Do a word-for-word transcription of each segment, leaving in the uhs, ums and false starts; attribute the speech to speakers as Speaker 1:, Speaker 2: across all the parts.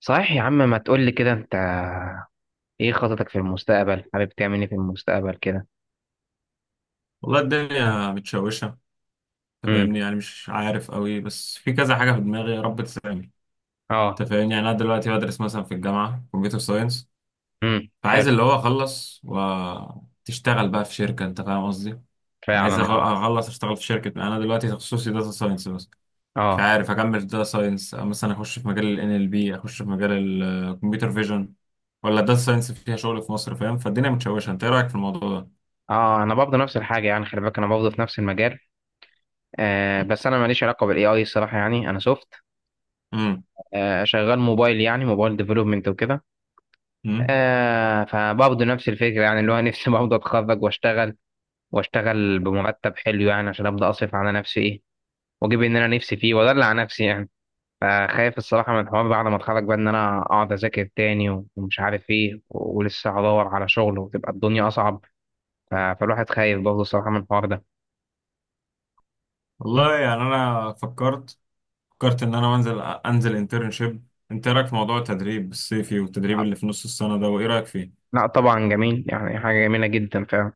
Speaker 1: صحيح يا عم، ما تقول لي كده انت؟ ايه خططك في المستقبل؟ حابب تعمل ايه في المستقبل كده؟
Speaker 2: والله الدنيا متشوشة. انت
Speaker 1: امم.
Speaker 2: فاهمني، يعني مش عارف قوي، بس في كذا حاجة في دماغي، يا رب تساعدني.
Speaker 1: اه.
Speaker 2: انت فاهمني، يعني انا دلوقتي بدرس مثلا في الجامعة كمبيوتر ساينس.
Speaker 1: امم، حلو.
Speaker 2: فعايز اللي هو اخلص وتشتغل بقى في شركة، انت فاهم قصدي.
Speaker 1: فعلا،
Speaker 2: عايز أغ-
Speaker 1: اه.
Speaker 2: اخلص اشتغل في شركة. انا دلوقتي تخصصي داتا ساينس بس. مش
Speaker 1: اه.
Speaker 2: عارف اكمل في داتا ساينس، مثلا اخش في مجال ال إن إل بي، اخش في مجال الكمبيوتر فيجن، ولا داتا ساينس فيها شغل في مصر، فاهم؟ فالدنيا متشوشة، انت ايه رأيك في الموضوع ده؟
Speaker 1: اه، انا برضه نفس الحاجه، يعني خلي بالك انا برضه في نفس المجال. آه بس انا ماليش علاقه بالاي اي الصراحه، يعني انا سوفت.
Speaker 2: امم.
Speaker 1: آه شغال موبايل، يعني موبايل ديفلوبمنت وكده.
Speaker 2: امم.
Speaker 1: آه فبرضه نفس الفكره، يعني اللي هو نفسي برضه اتخرج واشتغل واشتغل بمرتب حلو، يعني عشان ابدا اصرف على نفسي، ايه، واجيب اللي انا نفسي فيه وادلع نفسي يعني. فخايف الصراحة من الحوار ده على ما اتخرج بقى، إن أنا أقعد أذاكر تاني و- ومش عارف إيه و- ولسه هدور على شغل، وتبقى الدنيا أصعب. ف- فالواحد خايف برضه الصراحة من الحوار ده.
Speaker 2: والله يعني انا فكرت فكرت ان انا انزل انزل انترنشيب. انت إيه رايك في موضوع التدريب الصيفي، والتدريب اللي في نص السنه ده، وايه رايك فيه؟
Speaker 1: لا، طبعا جميل، يعني حاجة جميلة جدا فعلا.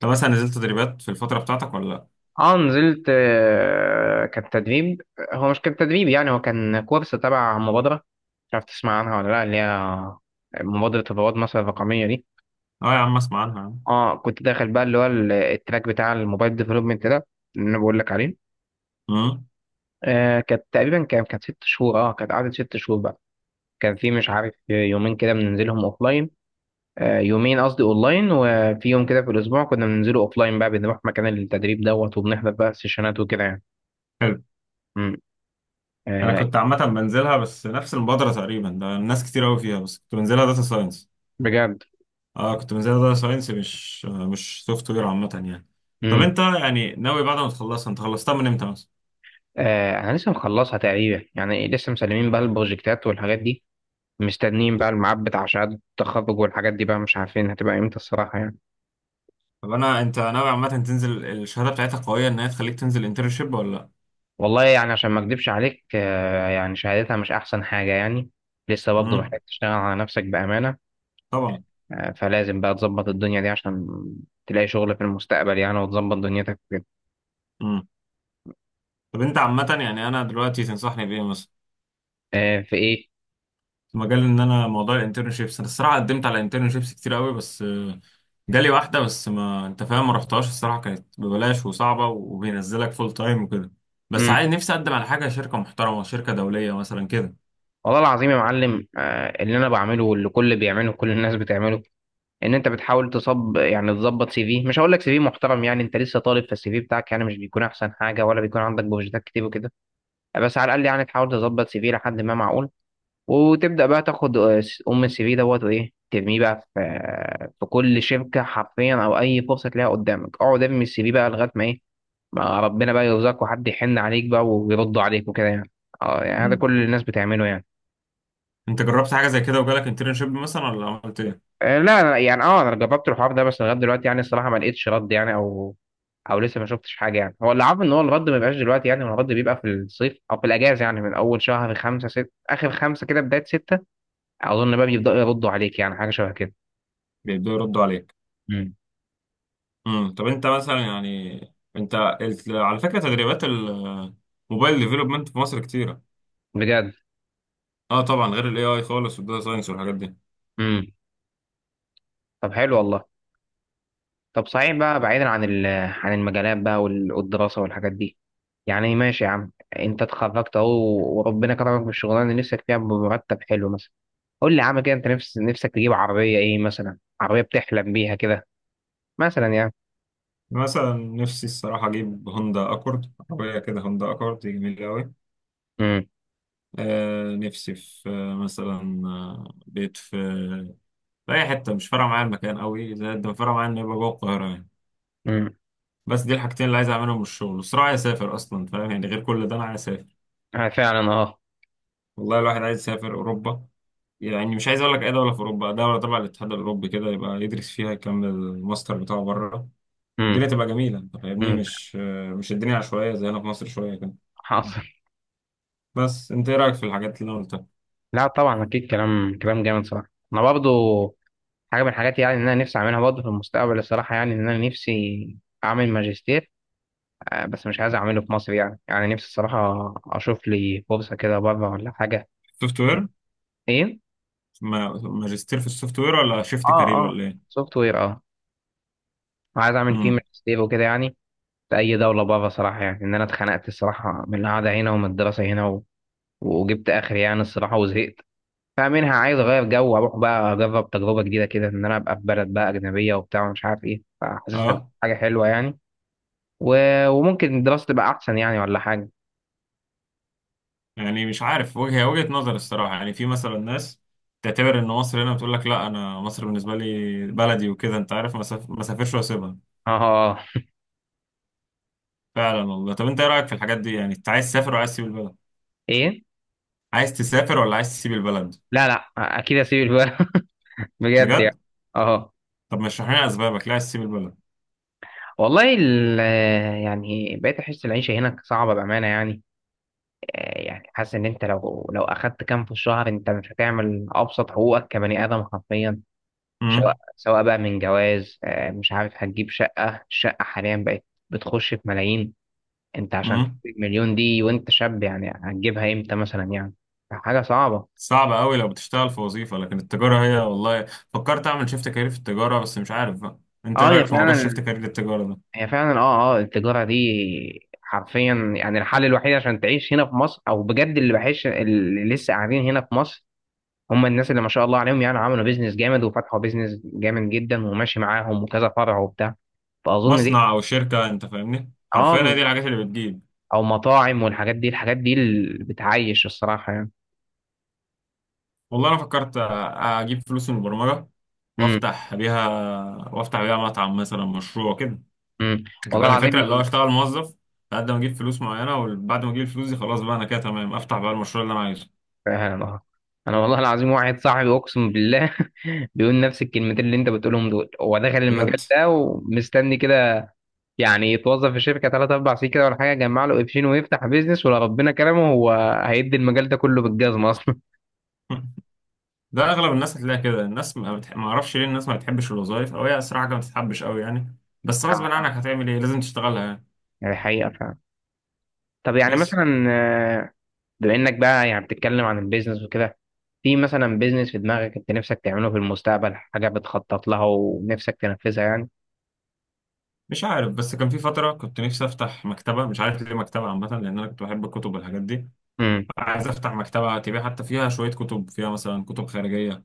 Speaker 2: طب مثلا نزلت تدريبات في الفتره بتاعتك ولا لا؟
Speaker 1: اه، نزلت. آه، كان تدريب. هو مش كان تدريب، يعني هو كان كورس تبع مبادرة، مش عارف تسمع عنها ولا لا، اللي هي مبادرة رواد مصر الرقمية دي.
Speaker 2: اه يا عم اسمع عنها يا عم.
Speaker 1: اه، كنت داخل بقى اللي هو ال- التراك بتاع الموبايل ديفلوبمنت ده، اللي انا بقول لك عليه.
Speaker 2: امم،
Speaker 1: آه كانت تقريبا كان كانت ست شهور. اه، كانت قعدت ست شهور بقى. كان في مش عارف يومين كده بننزلهم اوفلاين. آه يومين قصدي اونلاين، وفي يوم كده في الاسبوع كنا بننزله اوفلاين بقى، بنروح مكان التدريب دوت وبنحضر بقى سيشنات وكده يعني.
Speaker 2: حلو.
Speaker 1: امم.
Speaker 2: انا
Speaker 1: آه.
Speaker 2: كنت عامه بنزلها، بس نفس المبادره تقريبا ده، الناس كتير قوي فيها، بس كنت بنزلها داتا ساينس.
Speaker 1: بجد.
Speaker 2: اه كنت بنزلها داتا ساينس، مش آه، مش سوفت وير عامه يعني. طب
Speaker 1: امم.
Speaker 2: انت يعني ناوي بعد ما تخلصها، انت خلصتها من امتى مثلا؟
Speaker 1: آه، انا لسه مخلصها تقريبا يعني، لسه مسلمين بقى البروجكتات والحاجات دي، مستنيين بقى الميعاد بتاع شهادة التخرج والحاجات دي بقى، مش عارفين هتبقى امتى الصراحة يعني.
Speaker 2: طب انا انت ناوي عامه تنزل الشهاده بتاعتها قويه ان هي تخليك تنزل انترنشيب ولا لا؟
Speaker 1: والله يعني عشان ما اكدبش عليك، آه، يعني شهادتها مش احسن حاجه يعني. لسه برضه
Speaker 2: امم.
Speaker 1: محتاج تشتغل على نفسك بامانه.
Speaker 2: طبعا.
Speaker 1: آه، فلازم بقى تظبط الدنيا دي عشان تلاقي شغل في المستقبل يعني، وتظبط دنيتك كده.
Speaker 2: مم. طب انت عامة يعني انا دلوقتي تنصحني بايه مثلا؟
Speaker 1: آه، في ايه؟
Speaker 2: في مجال ان انا موضوع الانترنشيبس، انا الصراحة قدمت على انترنشيبس كتير قوي، بس آه، جالي واحدة بس، ما انت فاهم، ما رحتهاش الصراحة، كانت ببلاش وصعبة وبينزلك فول تايم وكده. بس
Speaker 1: امم.
Speaker 2: عايز نفسي اقدم على حاجة شركة محترمة، شركة دولية مثلا كده.
Speaker 1: والله العظيم يا معلم، آه، اللي انا بعمله واللي كل بيعمله كل الناس بتعمله، ان انت بتحاول تصب يعني تظبط سي في. مش هقول لك سي في محترم، يعني انت لسه طالب، فالسي في بتاعك يعني مش بيكون احسن حاجه، ولا بيكون عندك بروجكتات كتير وكده. بس على الاقل يعني تحاول تظبط سي في لحد ما معقول، وتبدأ بقى تاخد آه، أم السي في دوت وإيه، ترميه بقى في، آه، في كل شركة حرفيا، أو أي فرصة تلاقيها قدامك اقعد ارمي السي في بقى لغاية ما إيه، ما ربنا بقى يرزقك، وحد يحن عليك بقى ويرد عليك وكده يعني. اه يعني، هذا
Speaker 2: مم.
Speaker 1: كل الناس بتعمله يعني.
Speaker 2: انت جربت حاجة زي كده وجالك انترنشيب مثلا، ولا عملت ايه؟
Speaker 1: آه، لا، لا، يعني اه انا جربت الحوار ده، بس لغايه دلوقتي يعني الصراحه ما لقيتش رد، يعني او او لسه ما شفتش حاجه، يعني هو اللي عارف ان هو الرد ما بيبقاش دلوقتي، يعني الرد بيبقى في الصيف او في الاجازه، يعني من اول شهر خمسة ست اخر خمسة كده بدايه ستة، اظن بقى بيبداوا يردوا عليك، يعني حاجه شبه
Speaker 2: بيبدأوا يردوا عليك.
Speaker 1: كده.
Speaker 2: امم. طب انت مثلا يعني، انت ال- على فكرة تدريبات الموبايل ديفلوبمنت في مصر كتيرة.
Speaker 1: بجد.
Speaker 2: اه طبعا، غير الاي اي خالص، والداتا ساينس والحاجات دي.
Speaker 1: امم. طب حلو والله. طب صحيح بقى، بعيدا عن ال... عن المجالات بقى وال- والدراسه والحاجات دي، يعني ماشي يا عم، انت اتخرجت اهو، وربنا كرمك بالشغلانه اللي نفسك فيها بمرتب حلو مثلا، قول لي يا عم كده، انت نفس نفسك تجيب عربيه ايه مثلا؟ عربيه بتحلم بيها كده مثلا يعني؟
Speaker 2: مثلا نفسي الصراحة أجيب هوندا أكورد، عربية كده، هوندا أكورد دي جميلة أوي.
Speaker 1: امم.
Speaker 2: آه نفسي في آه مثلا آه، بيت في في أي حتة، مش فارقة معايا المكان أوي، زائد ما فارقة معايا إن يبقى جوه القاهرة يعني.
Speaker 1: امم.
Speaker 2: بس دي الحاجتين اللي عايز أعملهم من الشغل، والصراحة عايز أسافر أصلا، فاهم يعني، غير كل ده أنا عايز أسافر.
Speaker 1: آه، فعلا، اه.
Speaker 2: والله الواحد عايز يسافر أوروبا. يعني مش عايز أقول لك أي دولة في أوروبا، دولة تبع الاتحاد الأوروبي كده، يبقى يدرس فيها يكمل الماستر بتاعه بره.
Speaker 1: امم.
Speaker 2: الدنيا تبقى جميلة، أنت فاهمني،
Speaker 1: امم.
Speaker 2: مش آه، مش الدنيا عشوائية زي هنا في مصر شوية كده.
Speaker 1: حاصل.
Speaker 2: بس انت ايه رايك في الحاجات اللي أنا قلتها؟
Speaker 1: لا طبعا، اكيد كلام كلام جامد صراحه. انا برضو حاجه من الحاجات، يعني ان انا نفسي اعملها برضو في المستقبل الصراحه، يعني ان انا نفسي اعمل ماجستير. آه، بس مش عايز اعمله في مصر يعني يعني نفسي الصراحة اشوف لي فرصة كده بره ولا حاجة.
Speaker 2: سوفت وير.
Speaker 1: ايه؟
Speaker 2: ما- ماجستير في السوفت وير، ولا شيفت
Speaker 1: اه، اه.
Speaker 2: كارير، ولا ايه؟
Speaker 1: سوفت وير، اه. عايز اعمل فيه
Speaker 2: امم.
Speaker 1: ماجستير وكده يعني، في اي دولة بره صراحة، يعني ان انا اتخنقت الصراحة من القعدة هنا ومن الدراسة هنا و... وجبت اخري يعني الصراحة، وزهقت. فمنها عايز اغير جو، واروح بقى اجرب تجربة جديدة كده، ان انا ابقى في بلد بقى اجنبية وبتاع ومش عارف ايه، فحاسس هتبقى
Speaker 2: اه.
Speaker 1: حاجة حلوة يعني، و... وممكن الدراسة تبقى احسن يعني، ولا حاجة.
Speaker 2: يعني مش عارف، وجهه وجهه نظر الصراحه، يعني في مثلا ناس تعتبر ان مصر هنا، بتقول لك لا، انا مصر بالنسبه لي بلدي وكده، انت عارف، ما ساف- ما سافرش واسيبها.
Speaker 1: اه. اه. آه.
Speaker 2: فعلا والله. طب انت ايه رايك في الحاجات دي، يعني انت عايز تسافر وعايز تسيب البلد؟
Speaker 1: ايه؟
Speaker 2: عايز تسافر ولا عايز تسيب البلد؟
Speaker 1: لا، لا، اكيد اسيب. بجد يعني.
Speaker 2: بجد.
Speaker 1: اه.
Speaker 2: طب ما اشرح لنا اسبابك، ليه عايز تسيب البلد؟
Speaker 1: والله، ال- يعني بقيت احس العيشه هناك صعبه بامانه يعني. آه، يعني حاسس ان انت لو لو اخدت كام في الشهر انت مش هتعمل ابسط حقوقك كبني ادم حرفيا، سواء سواء بقى من جواز، آه، مش عارف هتجيب شقه، الشقه حاليا بقت بتخش في ملايين. انت عشان
Speaker 2: امم.
Speaker 1: تجيب مليون دي وانت شاب، يعني هتجيبها امتى مثلا يعني؟ حاجه صعبه.
Speaker 2: صعب قوي لو بتشتغل في وظيفة، لكن التجارة هي والله، فكرت اعمل شيفت كارير في التجارة، بس مش عارف بقى. انت ايه
Speaker 1: اه يا،
Speaker 2: رأيك في موضوع شيفت
Speaker 1: فعلا.
Speaker 2: كارير التجارة ده؟
Speaker 1: هي فعلا، اه، اه، التجارة دي حرفيا يعني الحل الوحيد عشان تعيش هنا في مصر، او بجد اللي بحس اللي لسه قاعدين هنا في مصر هم الناس اللي ما شاء الله عليهم، يعني عملوا بيزنس جامد وفتحوا بيزنس جامد جدا وماشي معاهم وكذا فرع وبتاع، فاظن دي.
Speaker 2: مصنع او شركة، انت فاهمني،
Speaker 1: اه
Speaker 2: حرفيا هي دي
Speaker 1: بالظبط.
Speaker 2: الحاجات اللي بتجيب.
Speaker 1: او مطاعم والحاجات دي، الحاجات دي اللي بتعيش الصراحة يعني.
Speaker 2: والله انا فكرت أ- اجيب فلوس من البرمجة
Speaker 1: امم.
Speaker 2: وافتح بيها وافتح بيها مطعم مثلا، مشروع كده.
Speaker 1: امم.
Speaker 2: انت فاهم
Speaker 1: والله
Speaker 2: الفكرة، اللي هو
Speaker 1: العظيم.
Speaker 2: اشتغل موظف لحد ما اجيب فلوس معينة، وبعد ما اجيب الفلوس دي خلاص بقى، انا كده تمام، افتح بقى المشروع اللي انا عايزه.
Speaker 1: فعلا. آه. انا والله العظيم واحد صاحبي اقسم بالله بيقول نفس الكلمتين اللي انت بتقولهم دول. هو دخل المجال
Speaker 2: بجد.
Speaker 1: ده ومستني كده، يعني يتوظف في شركه ثلاث اربع سنين كده ولا حاجه، يجمع له قرشين ويفتح بيزنس، ولا ربنا كرمه هو هيدي المجال ده كله بالجزمه اصلا
Speaker 2: ده اغلب الناس هتلاقي كده، الناس ما بتح... ما اعرفش ليه الناس ما بتحبش الوظائف، او هي صراحه ما بتتحبش قوي يعني. بس
Speaker 1: آه.
Speaker 2: غصب
Speaker 1: آه.
Speaker 2: عنك هتعمل ايه، لازم تشتغلها يعني.
Speaker 1: يعني حقيقه فعلا. طب يعني
Speaker 2: بس.
Speaker 1: مثلا، آه، بما انك بقى يعني بتتكلم عن البيزنس وكده، في مثلا بيزنس في دماغك انت نفسك تعمله في المستقبل؟ حاجه بتخطط لها ونفسك تنفذها يعني؟
Speaker 2: مش عارف، بس كان في فتره كنت نفسي افتح مكتبه، مش عارف ليه مكتبه عامه، لان انا كنت بحب الكتب والحاجات دي.
Speaker 1: امم.
Speaker 2: عايز افتح مكتبه تبيع، حتى فيها شويه كتب، فيها مثلا كتب خارجيه.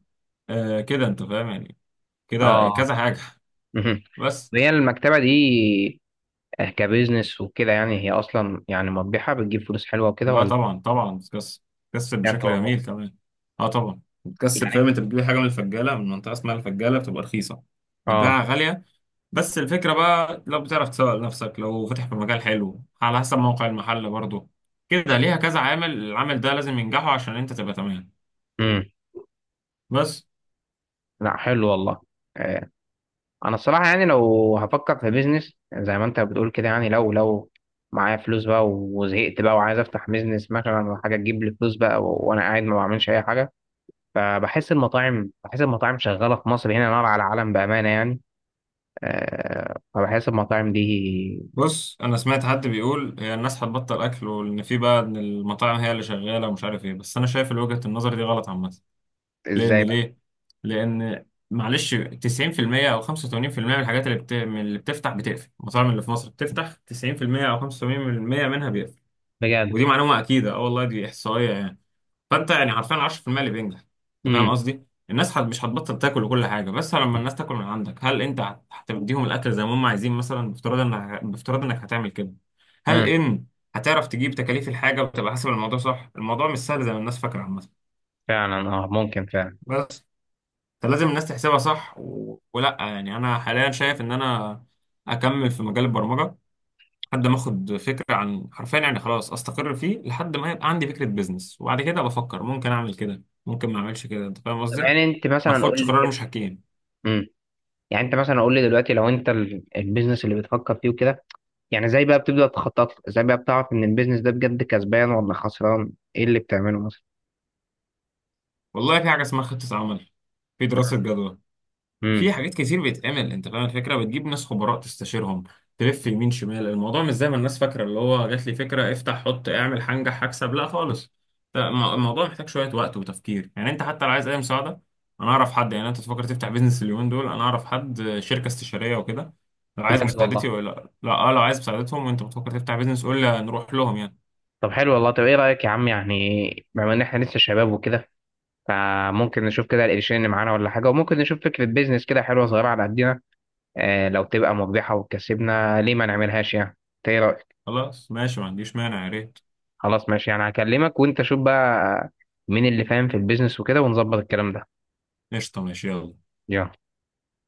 Speaker 2: آه كده انت فاهم يعني، كده
Speaker 1: اه.
Speaker 2: كذا حاجه.
Speaker 1: مهم.
Speaker 2: بس.
Speaker 1: وهي المكتبه دي آه، كبيزنس وكده يعني، هي اصلا يعني مربحه؟ بتجيب فلوس حلوه وكده
Speaker 2: لا
Speaker 1: ولا؟
Speaker 2: طبعا طبعا بتكسب، بتكسب
Speaker 1: بجد
Speaker 2: بشكل
Speaker 1: والله.
Speaker 2: جميل كمان. اه طبعا بتكسب، فاهم،
Speaker 1: يعني
Speaker 2: انت بتجيب حاجه من الفجاله، من منطقه اسمها الفجاله، بتبقى رخيصه،
Speaker 1: اه.
Speaker 2: بتبيعها غالية. بس الفكرة بقى لو بتعرف تسوق لنفسك، لو فاتح في مجال حلو، على حسب موقع المحل برضه، كده ليها كذا عامل، العامل ده لازم ينجحه عشان انت تبقى تمام.
Speaker 1: امم.
Speaker 2: بس.
Speaker 1: لا، حلو والله. آه، انا الصراحه يعني لو هفكر في بيزنس زي ما انت بتقول كده، يعني لو لو معايا فلوس بقى وزهقت بقى وعايز افتح بيزنس مثلا، ولا حاجه تجيب لي فلوس بقى و- وانا قاعد ما بعملش اي حاجه. فبحس المطاعم بحس المطاعم شغاله في مصر هنا نار على العالم بامانه يعني. أه، فبحس المطاعم دي.
Speaker 2: بص انا سمعت حد بيقول هي الناس هتبطل اكل، وان في بقى ان المطاعم هي اللي شغالة، ومش عارف ايه، بس انا شايف وجهة النظر دي غلط عامة. لان
Speaker 1: ازاي بقى؟
Speaker 2: ليه لان معلش تسعين في المية او خمسة وثمانين في المئة من الحاجات اللي بت... من اللي بتفتح بتقفل، المطاعم اللي في مصر بتفتح تسعين في المية او خمسة وتمانين بالمية منها بيقفل.
Speaker 1: بجد.
Speaker 2: ودي معلومة اكيدة، اه والله دي احصائية يعني. فانت يعني حرفيا عشرة في المية اللي بينجح. انت فاهم
Speaker 1: امم.
Speaker 2: قصدي، الناس هت- مش هتبطل تاكل وكل حاجه، بس لما الناس تاكل من عندك، هل انت هت- هتديهم الاكل زي ما هم عايزين مثلا، بافتراض انك بافتراض انك هتعمل كده، هل
Speaker 1: امم.
Speaker 2: ان هتعرف تجيب تكاليف الحاجه، وتبقى حاسب الموضوع صح. الموضوع مش سهل زي ما الناس فاكره عامه.
Speaker 1: فعلا، اه، ممكن فعلا.
Speaker 2: بس. فلازم الناس تحسبها صح و... ولا يعني، انا حاليا شايف ان انا اكمل في مجال البرمجه، لحد ما اخد فكره عن، حرفيا يعني خلاص استقر فيه، لحد ما يبقى عندي فكره بيزنس، وبعد كده بفكر، ممكن اعمل كده ممكن ما اعملش كده، انت فاهم
Speaker 1: طب
Speaker 2: قصدي،
Speaker 1: يعني انت
Speaker 2: ما
Speaker 1: مثلا
Speaker 2: اخدش
Speaker 1: قول لي
Speaker 2: قرار
Speaker 1: كده.
Speaker 2: مش حكيم.
Speaker 1: امم. يعني انت مثلا قول لي دلوقتي، لو انت ال- البيزنس اللي بتفكر فيه وكده، يعني زي بقى بتبدأ تخطط له ازاي؟ بقى بتعرف ان البيزنس ده بجد كسبان ولا خسران؟ ايه اللي بتعمله مثلا؟
Speaker 2: والله في حاجه اسمها خطه عمل، في دراسه جدوى،
Speaker 1: امم.
Speaker 2: في حاجات كتير بيتعمل، انت فاهم الفكره، بتجيب ناس خبراء تستشيرهم، تلف يمين شمال. الموضوع مش زي ما الناس فاكره، اللي هو جات لي فكره افتح حط اعمل هنجح هكسب، لا خالص. ده الم- الموضوع محتاج شويه وقت وتفكير يعني، انت حتى لو عايز اي مساعده انا اعرف حد، يعني انت تفكر تفتح بيزنس اليومين دول، انا اعرف حد شركه استشاريه وكده. لو عايز
Speaker 1: بجد
Speaker 2: مساعدتي
Speaker 1: والله.
Speaker 2: ولا لا، اه لو عايز مساعدتهم وانت بتفكر تفتح بيزنس قول لي نروح لهم يعني.
Speaker 1: طب حلو والله. طب ايه رايك يا عم، يعني بما ان احنا لسه شباب وكده، فممكن نشوف كده القرشين اللي معانا ولا حاجه، وممكن نشوف فكره بيزنس كده حلوه صغيره على قدنا، آه لو تبقى مربحه وتكسبنا ليه ما نعملهاش يعني؟ إنت ايه رايك؟
Speaker 2: خلاص ماشي، ما عنديش مانع، يا ريت.
Speaker 1: خلاص ماشي يعني. هكلمك وانت شوف بقى مين اللي فاهم في البيزنس وكده، ونظبط الكلام ده.
Speaker 2: قشطه، ماشي، يلا.
Speaker 1: يلا.